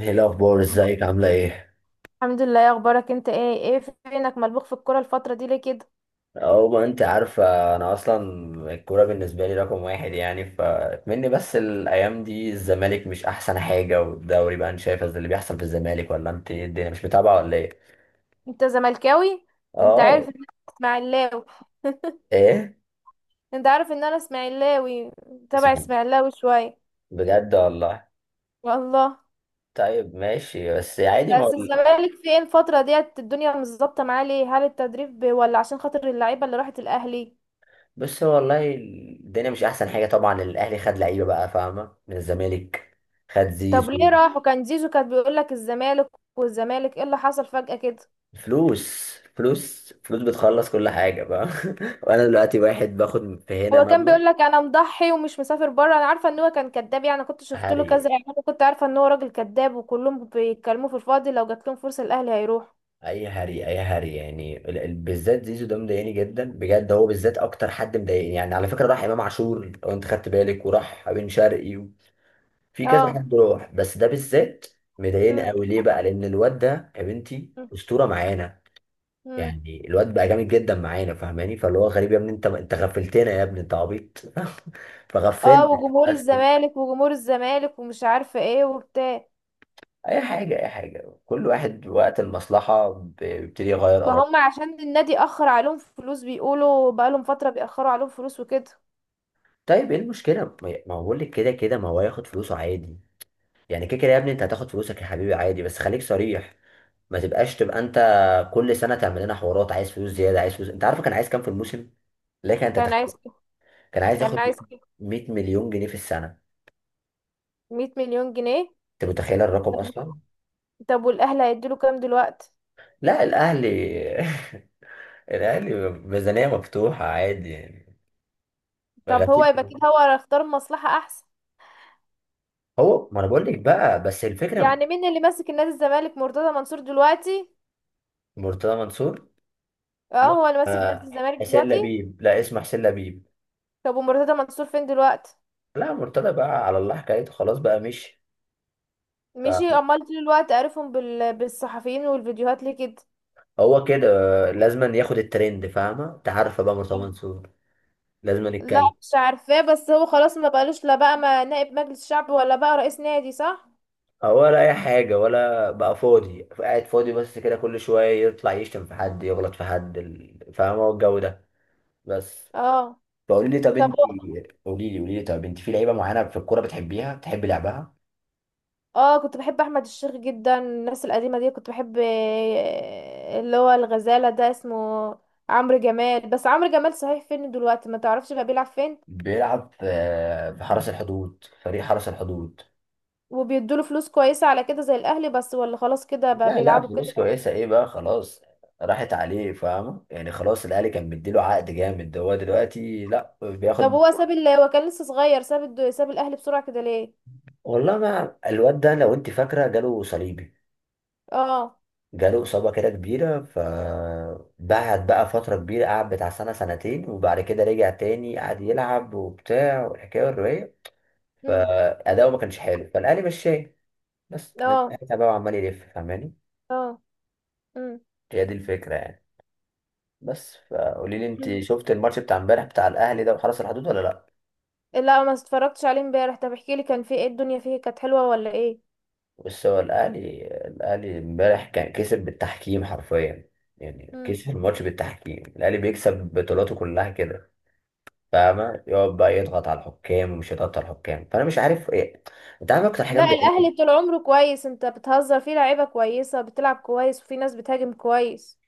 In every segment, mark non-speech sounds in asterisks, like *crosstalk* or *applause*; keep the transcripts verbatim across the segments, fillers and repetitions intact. ايه الاخبار؟ ازيك؟ عامله ايه؟ الحمد لله، يا اخبارك انت ايه ايه؟ فينك ملبوخ في الكوره الفتره دي ليه كده؟ او ما انت عارفه انا اصلا الكوره بالنسبه لي رقم واحد، يعني فاتمني. بس الايام دي الزمالك مش احسن حاجه، والدوري بقى انت شايفه اللي بيحصل في الزمالك؟ ولا انت إيه الدنيا مش متابعه ولا ايه؟ انت زملكاوي؟ انت اه. عارف ان انا اسماعيلاوي. *laughs* ايه؟ انت عارف ان انا اسماعيلاوي، تبع اسمع، اسماعيلاوي شويه. بجد والله. والله. طيب ماشي، بس عادي ما بس اقول. الزمالك فين الفتره ديت؟ الدنيا مش ظابطه معاه ليه؟ هل التدريب ب- ولا عشان خاطر اللعيبه اللي راحت الاهلي؟ بس هو والله الدنيا مش احسن حاجه. طبعا الاهلي خد لعيبه بقى فاهمه من الزمالك، خد طب ليه زيزو. راحوا؟ كان زيزو كان بيقول لك الزمالك، والزمالك ايه اللي حصل فجاه كده؟ فلوس فلوس فلوس بتخلص كل حاجة بقى. *laughs* وأنا دلوقتي واحد باخد في هنا هو كان مبلغ. بيقول لك انا مضحي ومش مسافر بره، انا عارفه ان هو كان كذاب يعني، كنت شفت له هري، كذا اعلان، كنت عارفه ان هو راجل كذاب وكلهم بيتكلموا في الفاضي، لو جات لهم فرصه الاهلي هيروح. أي هري، أي هري يعني ال- ال- بالذات زيزو ده مضايقني جدا بجد. هو بالذات أكتر حد مضايقني. يعني على فكرة راح إمام عاشور لو أنت خدت بالك، وراح بن شرقي و- في كذا اه. حد راح، بس ده بالذات مضايقني امم. أوي. ليه بقى؟ لأن الواد ده يا بنتي أسطورة معانا، امم. يعني الواد بقى جامد جدا معانا، فاهماني؟ فاللي هو غريب، يا ابني انت انت غفلتنا، يا ابني انت عبيط. *laughs* اه. فغفلنا وجمهور بس. الزمالك وجمهور الزمالك ومش عارفه ايه وبتاع. اي حاجه اي حاجه، كل واحد وقت المصلحه بيبتدي يغير ما اراءه. هم عشان النادي اخر عليهم فلوس، بيقولوا بقالهم فتره بيأخروا عليهم فلوس وكده. طيب ايه المشكله؟ ما ما هو بقول لك كده كده ما هو هياخد فلوسه عادي. يعني كده كده يا ابني انت هتاخد فلوسك يا حبيبي عادي، بس خليك صريح. ما تبقاش تبقى انت كل سنه تعمل لنا حوارات، عايز فلوس زياده، عايز فلوس. انت عارف كان عايز كام في الموسم؟ لكن انت كان تخيل، عايز كان عايز كان ياخد عايز مية مليون جنيه مليون جنيه في السنه. مية مليون جنيه. انت متخيل الرقم طب اصلا؟ طب والاهلي هيديله كام دلوقتي؟ لا الاهلي *laughs* الاهلي ميزانيه مفتوحه عادي يعني. طب هو غفير. يبقى كده هو اختار مصلحه احسن. هو ما انا بقول لك بقى، بس الفكره. يعني مين اللي ماسك نادي الزمالك؟ مرتضى منصور دلوقتي؟ مرتضى منصور. اه هو لا، اللي ماسك نادي آه، الزمالك حسين دلوقتي؟ لبيب، لا اسمه حسين لبيب. طب ومرتضى منصور فين دلوقتي؟ لا مرتضى بقى على الله حكايته، خلاص بقى مشي. مشي؟ فهو امال طول الوقت عارفهم بال... بالصحفيين والفيديوهات ليه كده؟ كده، آه، لازم ياخد الترند، فاهمة؟ انت عارفة بقى مرتضى منصور لازم لا يتكلم. مش عارفاه، بس هو خلاص ما بقالوش، لا بقى ما نائب مجلس شعب ولا بقى رئيس نادي، صح؟ آه، ولا اي حاجة، ولا بقى فاضي قاعد فاضي بس كده. كل شوية يطلع يشتم في حد، يغلط في حد ال- فاهمة الجو ده؟ بس. اه. فقولي لي طب طب انت، هو- قولي لي قولي لي طب انت في لعيبة معينة في الكورة بتحبيها بتحبي لعبها؟ اه، كنت بحب احمد الشيخ جدا، الناس القديمه دي كنت بحب، آه، اللي هو الغزاله ده اسمه عمرو جمال. بس عمرو جمال صحيح فين دلوقتي؟ ما تعرفش بقى بيلعب فين؟ بيلعب في آه، في حرس الحدود، فريق حرس الحدود. وبيدوله فلوس كويسة على كده زي الأهلي، بس ولا خلاص كده بقى لا لا بيلعبوا فلوس كده؟ كويسة ايه بقى خلاص، راحت عليه فاهمة. يعني خلاص الاهلي كان مديله عقد جامد، هو دلوقتي لا طب بياخد. هو ساب ال هو كان لسه صغير، ساب الد... ساب الأهلي بسرعة كده ليه؟ والله ما الواد ده لو انت فاكرة جاله صليبي، اه. جاله إصابة كده كبيرة، فبعد بقى فترة كبيرة قعد بتاع سنة سنتين، وبعد كده رجع تاني قعد يلعب وبتاع والحكاية والرواية، امم. فأداؤه ما كانش حلو، فالأهلي مشاه. بس من اه. ساعتها بقى عمال يلف، فاهماني؟ اه. امم. هي دي الفكرة يعني. بس فقولي لي، انت أمم. شفت الماتش بتاع امبارح بتاع الاهلي ده وحرس الحدود ولا لا؟ لا ما اتفرجتش عليه امبارح، طب احكي لي، كان فيه ايه الدنيا؟ فيه كانت حلوة ولا ايه؟ بص هو الأهلي الأهلي امبارح كان كسب بالتحكيم حرفيا. يعني امم. كسب الماتش بالتحكيم. الأهلي بيكسب بطولاته كلها كده، فاهمة؟ يقعد بقى يضغط على الحكام، ومش يضغط على الحكام، فأنا مش عارف إيه. أنت عارف أكتر حاجة لا مضايقاني؟ الأهلي طول عمره كويس، انت بتهزر فيه، لعيبة كويسة بتلعب كويس وفي ناس بتهاجم كويس.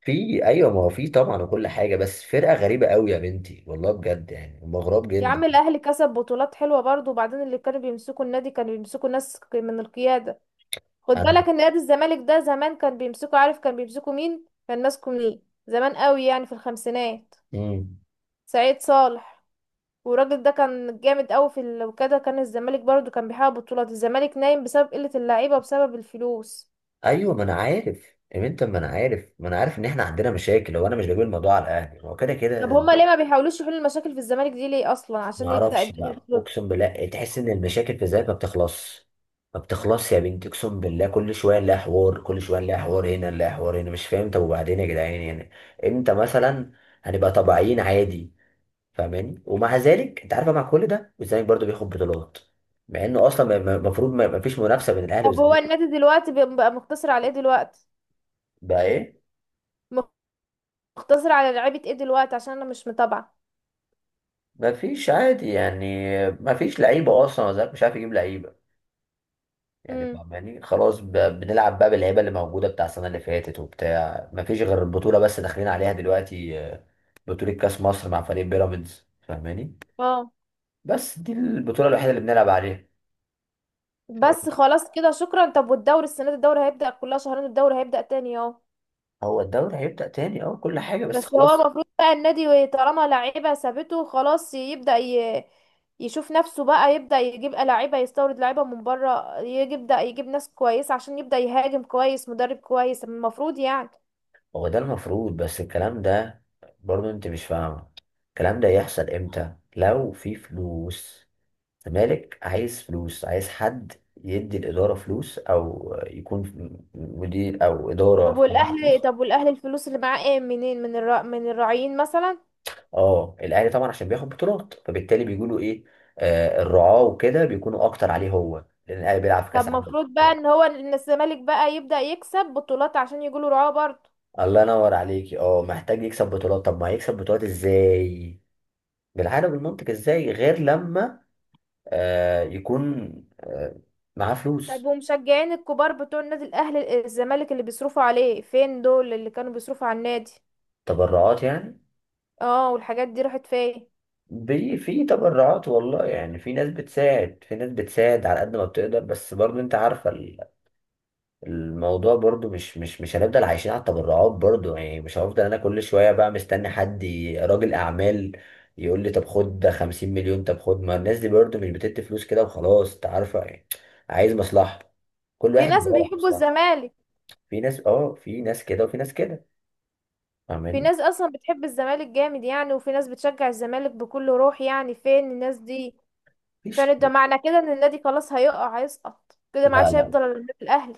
في أيوه ما هو في طبعا وكل حاجة، بس فرقة غريبة قوي يا بنتي والله بجد، يعني هم غراب يا جدا. عم الأهلي كسب بطولات حلوة برضه، وبعدين اللي كانوا بيمسكوا النادي كانوا بيمسكوا ناس من القيادة. خد أنا. بالك ان نادي الزمالك ده زمان كان بيمسكوا، عارف كان بيمسكوا مين؟ كان ماسكه مين؟ زمان قوي يعني في الخمسينات. مم. سعيد صالح. والراجل ده كان جامد قوي في ال- وكده كان الزمالك برضو كان بيحقق بطولات. الزمالك نايم بسبب قلة اللعيبة وبسبب الفلوس. أيوه ما أنا عارف يا بنت، ما أنا عارف، ما أنا عارف إن إحنا عندنا مشاكل، هو أنا مش بجيب الموضوع على الأهلي، هو كده طب كده. هما ليه ما بيحاولوش يحلوا المشاكل في الزمالك؟ دي ليه اصلا ما عشان يبدأ اعرفش الدنيا بقى، تظبط؟ اقسم بالله تحس ان المشاكل في ذات ما بتخلصش، ما بتخلصش يا بنتي. اقسم بالله كل شويه نلاقي حوار، كل شويه نلاقي حوار هنا، نلاقي حوار هنا، مش فاهم. طب وبعدين يا جدعان يعني امتى مثلا هنبقى طبيعيين عادي؟ فاهماني؟ ومع ذلك انت عارفه مع كل ده الزمالك برضو بياخد بطولات، مع انه اصلا المفروض ما ما فيش منافسه بين الاهلي طب هو والزمالك. النادي دلوقتي بي- بقى مقتصر على ايه دلوقتي؟ بقى ايه؟ مقتصر على لعيبة ايه دلوقتي؟ عشان انا مش متابعة. ما فيش عادي يعني، ما فيش لعيبه اصلا. الزمالك مش عارف يجيب لعيبه يعني، امم. فاهماني؟ خلاص ب- بنلعب بقى باللعيبه اللي موجوده بتاع السنه اللي فاتت وبتاع. ما فيش غير البطوله بس داخلين عليها دلوقتي آه، بطوله كاس مصر مع فريق بيراميدز، فاهماني؟ اه. بس دي البطوله الوحيده اللي بنلعب عليها. مش عارف، بس خلاص كده، شكرا. طب والدوري السنه دي، الدوري هيبدا كلها شهرين، الدوري هيبدا تاني اهو؟ هو الدوري هيبدا تاني اه كل حاجه، بس بس هو خلاص. المفروض بقى النادي طالما لعيبه سابته خلاص، يبدا ي... يشوف نفسه بقى، يبدا يجيب لعيبه، يستورد لعيبه من بره، يبدا يجيب ناس كويسه عشان يبدا يهاجم كويس، مدرب كويس المفروض يعني. هو ده المفروض، بس الكلام ده برضه انت مش فاهمه، الكلام ده يحصل امتى؟ لو في فلوس. الزمالك عايز فلوس، عايز حد يدي الإدارة فلوس، أو يكون مدير أو طب إدارة معاها والاهلي فلوس. طب والاهلي الفلوس اللي معاه ايه منين؟ من الر... من الراعيين مثلا؟ اه الاهلي طبعا عشان بياخد بطولات فبالتالي بيقولوا ايه؟ آه الرعاة وكده بيكونوا اكتر عليه هو، لان الاهلي بيلعب في طب كاس عالم. المفروض بقى ان هو ان الزمالك بقى يبدا يكسب بطولات عشان يجيله رعاه برضه. الله ينور عليكي. اه محتاج يكسب بطولات، طب ما هيكسب بطولات ازاي؟ بالعقل بالمنطق، ازاي غير لما آه يكون آه معاه طب فلوس؟ ومشجعين الكبار بتوع النادي الاهلي الزمالك اللي بيصرفوا عليه، فين دول اللي كانوا بيصرفوا على النادي؟ تبرعات يعني. اه والحاجات دي راحت فين؟ بي في تبرعات والله، يعني في ناس بتساعد، في ناس بتساعد على قد ما بتقدر، بس برضه انت عارفة الموضوع برضو مش مش مش هنفضل عايشين على التبرعات برضو يعني. مش هفضل انا كل شوية بقى مستني حد ي- راجل اعمال يقول لي طب خد ده 50 مليون، طب خد. ما الناس دي برضو مش بتدي فلوس كده وخلاص، انت عارفة يعني عايز مصلحة. كل في واحد ناس بيدور على بيحبوا مصلحة. الزمالك، في ناس اه، في ناس كده وفي ناس كده، في فاهماني؟ ناس اصلا بتحب الزمالك جامد يعني، وفي ناس بتشجع الزمالك بكل روح يعني، فين الناس دي؟ مفيش. فين؟ ده معنى كده ان النادي خلاص هيقع، هيسقط كده، ما لا عادش لا هيفضل الا النادي الاهلي.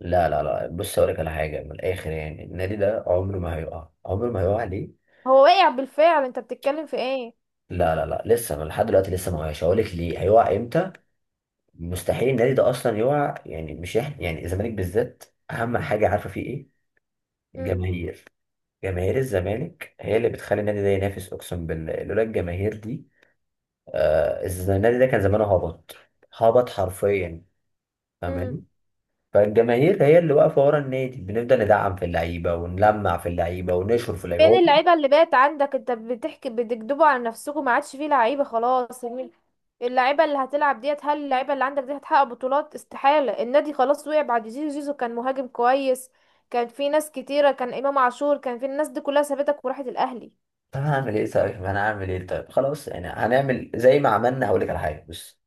لا لا لا. بص اقول لك على حاجة من الاخر يعني، النادي ده عمره ما هيقع، عمره ما هيقع. ليه؟ هو واقع بالفعل، انت بتتكلم في ايه؟ لا لا لا لسه، أنا لحد دلوقتي لسه ما وقعش. هقول لك ليه هيقع امتى. مستحيل النادي ده اصلا يقع يعني، مش احنا يعني الزمالك بالذات. اهم حاجه عارفه فيه ايه؟ امم. الجماهير. جماهير الزمالك هي اللي بتخلي النادي ده ينافس. اقسم بالله لولا الجماهير دي آه الز- النادي ده كان زمانه هبط، هبط حرفيا، إمم. فاهماني؟ فالجماهير هي اللي واقفه ورا النادي، بنفضل ندعم في اللعيبه ونلمع في اللعيبه ونشهر في اللعيبه. فين هو طب اللعيبة اللي بقت عندك؟ انت بتحكي، بتكدبوا على نفسكم، ما عادش فيه لعيبة خلاص. مين- اللعيبة اللي هتلعب ديت، هل اللعيبة اللي عندك دي هتحقق بطولات؟ استحالة. النادي خلاص وقع بعد زيزو. زيزو كان مهاجم كويس، كان في ناس كتيرة، كان إمام عاشور، كان في الناس دي كلها سابتك وراحت الأهلي. انا هعمل ايه؟ طيب انا هعمل ايه؟ طيب خلاص يعني هنعمل زي ما عملنا. هقول لك على حاجه بس،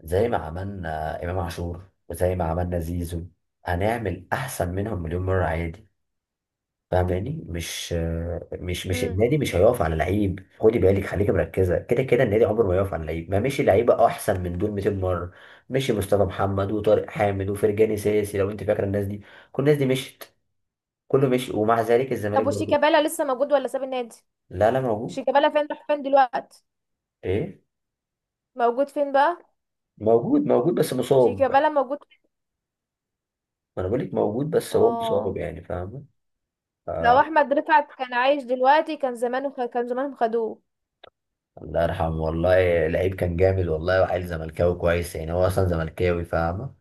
زي ما عملنا إمام عاشور وزي ما عملنا زيزو، هنعمل أحسن منهم مليون مرة عادي، فاهماني؟ مش مش مش مم. النادي مش هيقف على لعيب. خدي بالك خليكي مركزة، كده كده النادي عمره ما يقف على لعيب، ما مشي لعيبة أحسن من دول 200 مرة. مشي مصطفى محمد وطارق حامد وفرجاني ساسي، لو أنت فاكرة الناس دي، كل الناس دي مشت، كله مشي، ومع ذلك الزمالك طب برضه. وشيكابالا لسه موجود ولا ساب النادي؟ لا لا موجود. شيكابالا فين؟ راح فين دلوقتي؟ إيه؟ موجود فين بقى؟ موجود، موجود بس مصاب. شيكابالا موجود فين؟ ما أنا بقول لك موجود بس هو مصاب اه. يعني، فاهمة؟ لو احمد رفعت كان عايش دلوقتي كان زمانه، كان زمانهم خدوه. الله يرحمه والله، لعيب كان جامد والله، وعيل زملكاوي كويس يعني، هو اصلا زملكاوي فاهمه.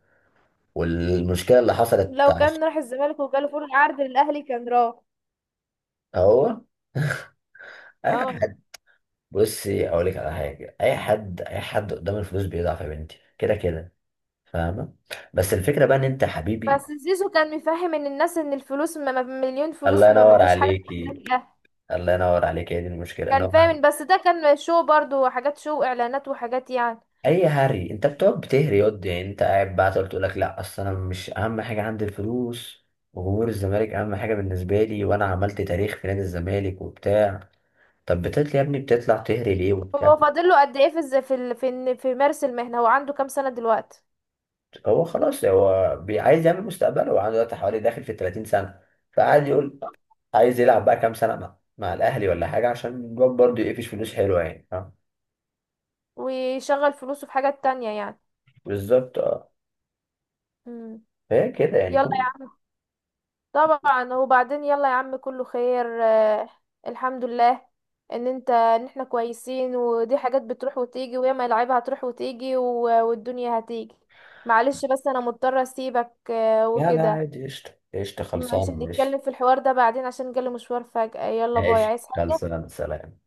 والمشكله اللي حصلت لو عش- كان راح الزمالك وجاله فرصة عرض للأهلي كان راح. هو. *laughs* اي اه. حد. بصي اقول لك على حاجه، اي حد اي حد قدام الفلوس بيضعف يا بنتي كده كده، فاهمه؟ بس الفكره بقى ان انت بس حبيبي. زيزو كان مفهم ان الناس ان الفلوس ما ما- مليون الله فلوس ما ما ينور تجيش حاجة تخليك عليكي، الأهلي. الله ينور عليكي، هي دي المشكله ان كان هو. فاهم، بس ده كان شو برضو، حاجات شو، اعلانات وحاجات يعني. اي هري، انت بتقعد بتهري ياض يعني؟ انت قاعد بقى تقعد تقول لك لا اصل انا مش اهم حاجه عندي الفلوس، وجمهور الزمالك اهم حاجه بالنسبه لي، وانا عملت تاريخ في نادي الزمالك وبتاع. طب بتطلع يا ابني بتطلع تهري ليه وبتاع؟ هو فاضل له قد ايه في الز- في ال- في إن- في مارس المهنة؟ هو عنده كام سنة دلوقتي؟ هو خلاص هو بي- عايز يعمل مستقبله، وعنده دلوقتي حوالي داخل في ثلاثين سنة سنه. فقعد يقول عايز يلعب بقى كام سنه مع, مع الاهلي ولا حاجه، عشان الواد برضه يقفش فلوس حلوه يعني، فاهم؟ ويشغل فلوسه في حاجات تانية يعني. بالظبط اه. مم. فهي كده يعني يلا. كل. طبعا، وبعدين يلا يا عم كله خير آه، الحمد لله ان انت ان احنا كويسين، ودي حاجات بتروح وتيجي، وياما العيبة هتروح وتيجي و- والدنيا هتيجي. معلش بس انا مضطرة اسيبك آه، لا لا وكده. عادي قشطه قشطه، ماشي، خلصانه هنتكلم ماشي. في الحوار ده بعدين عشان جالي مشوار فجأة. يلا باي. ماشي عايز حاجة؟ خلصانه سلام.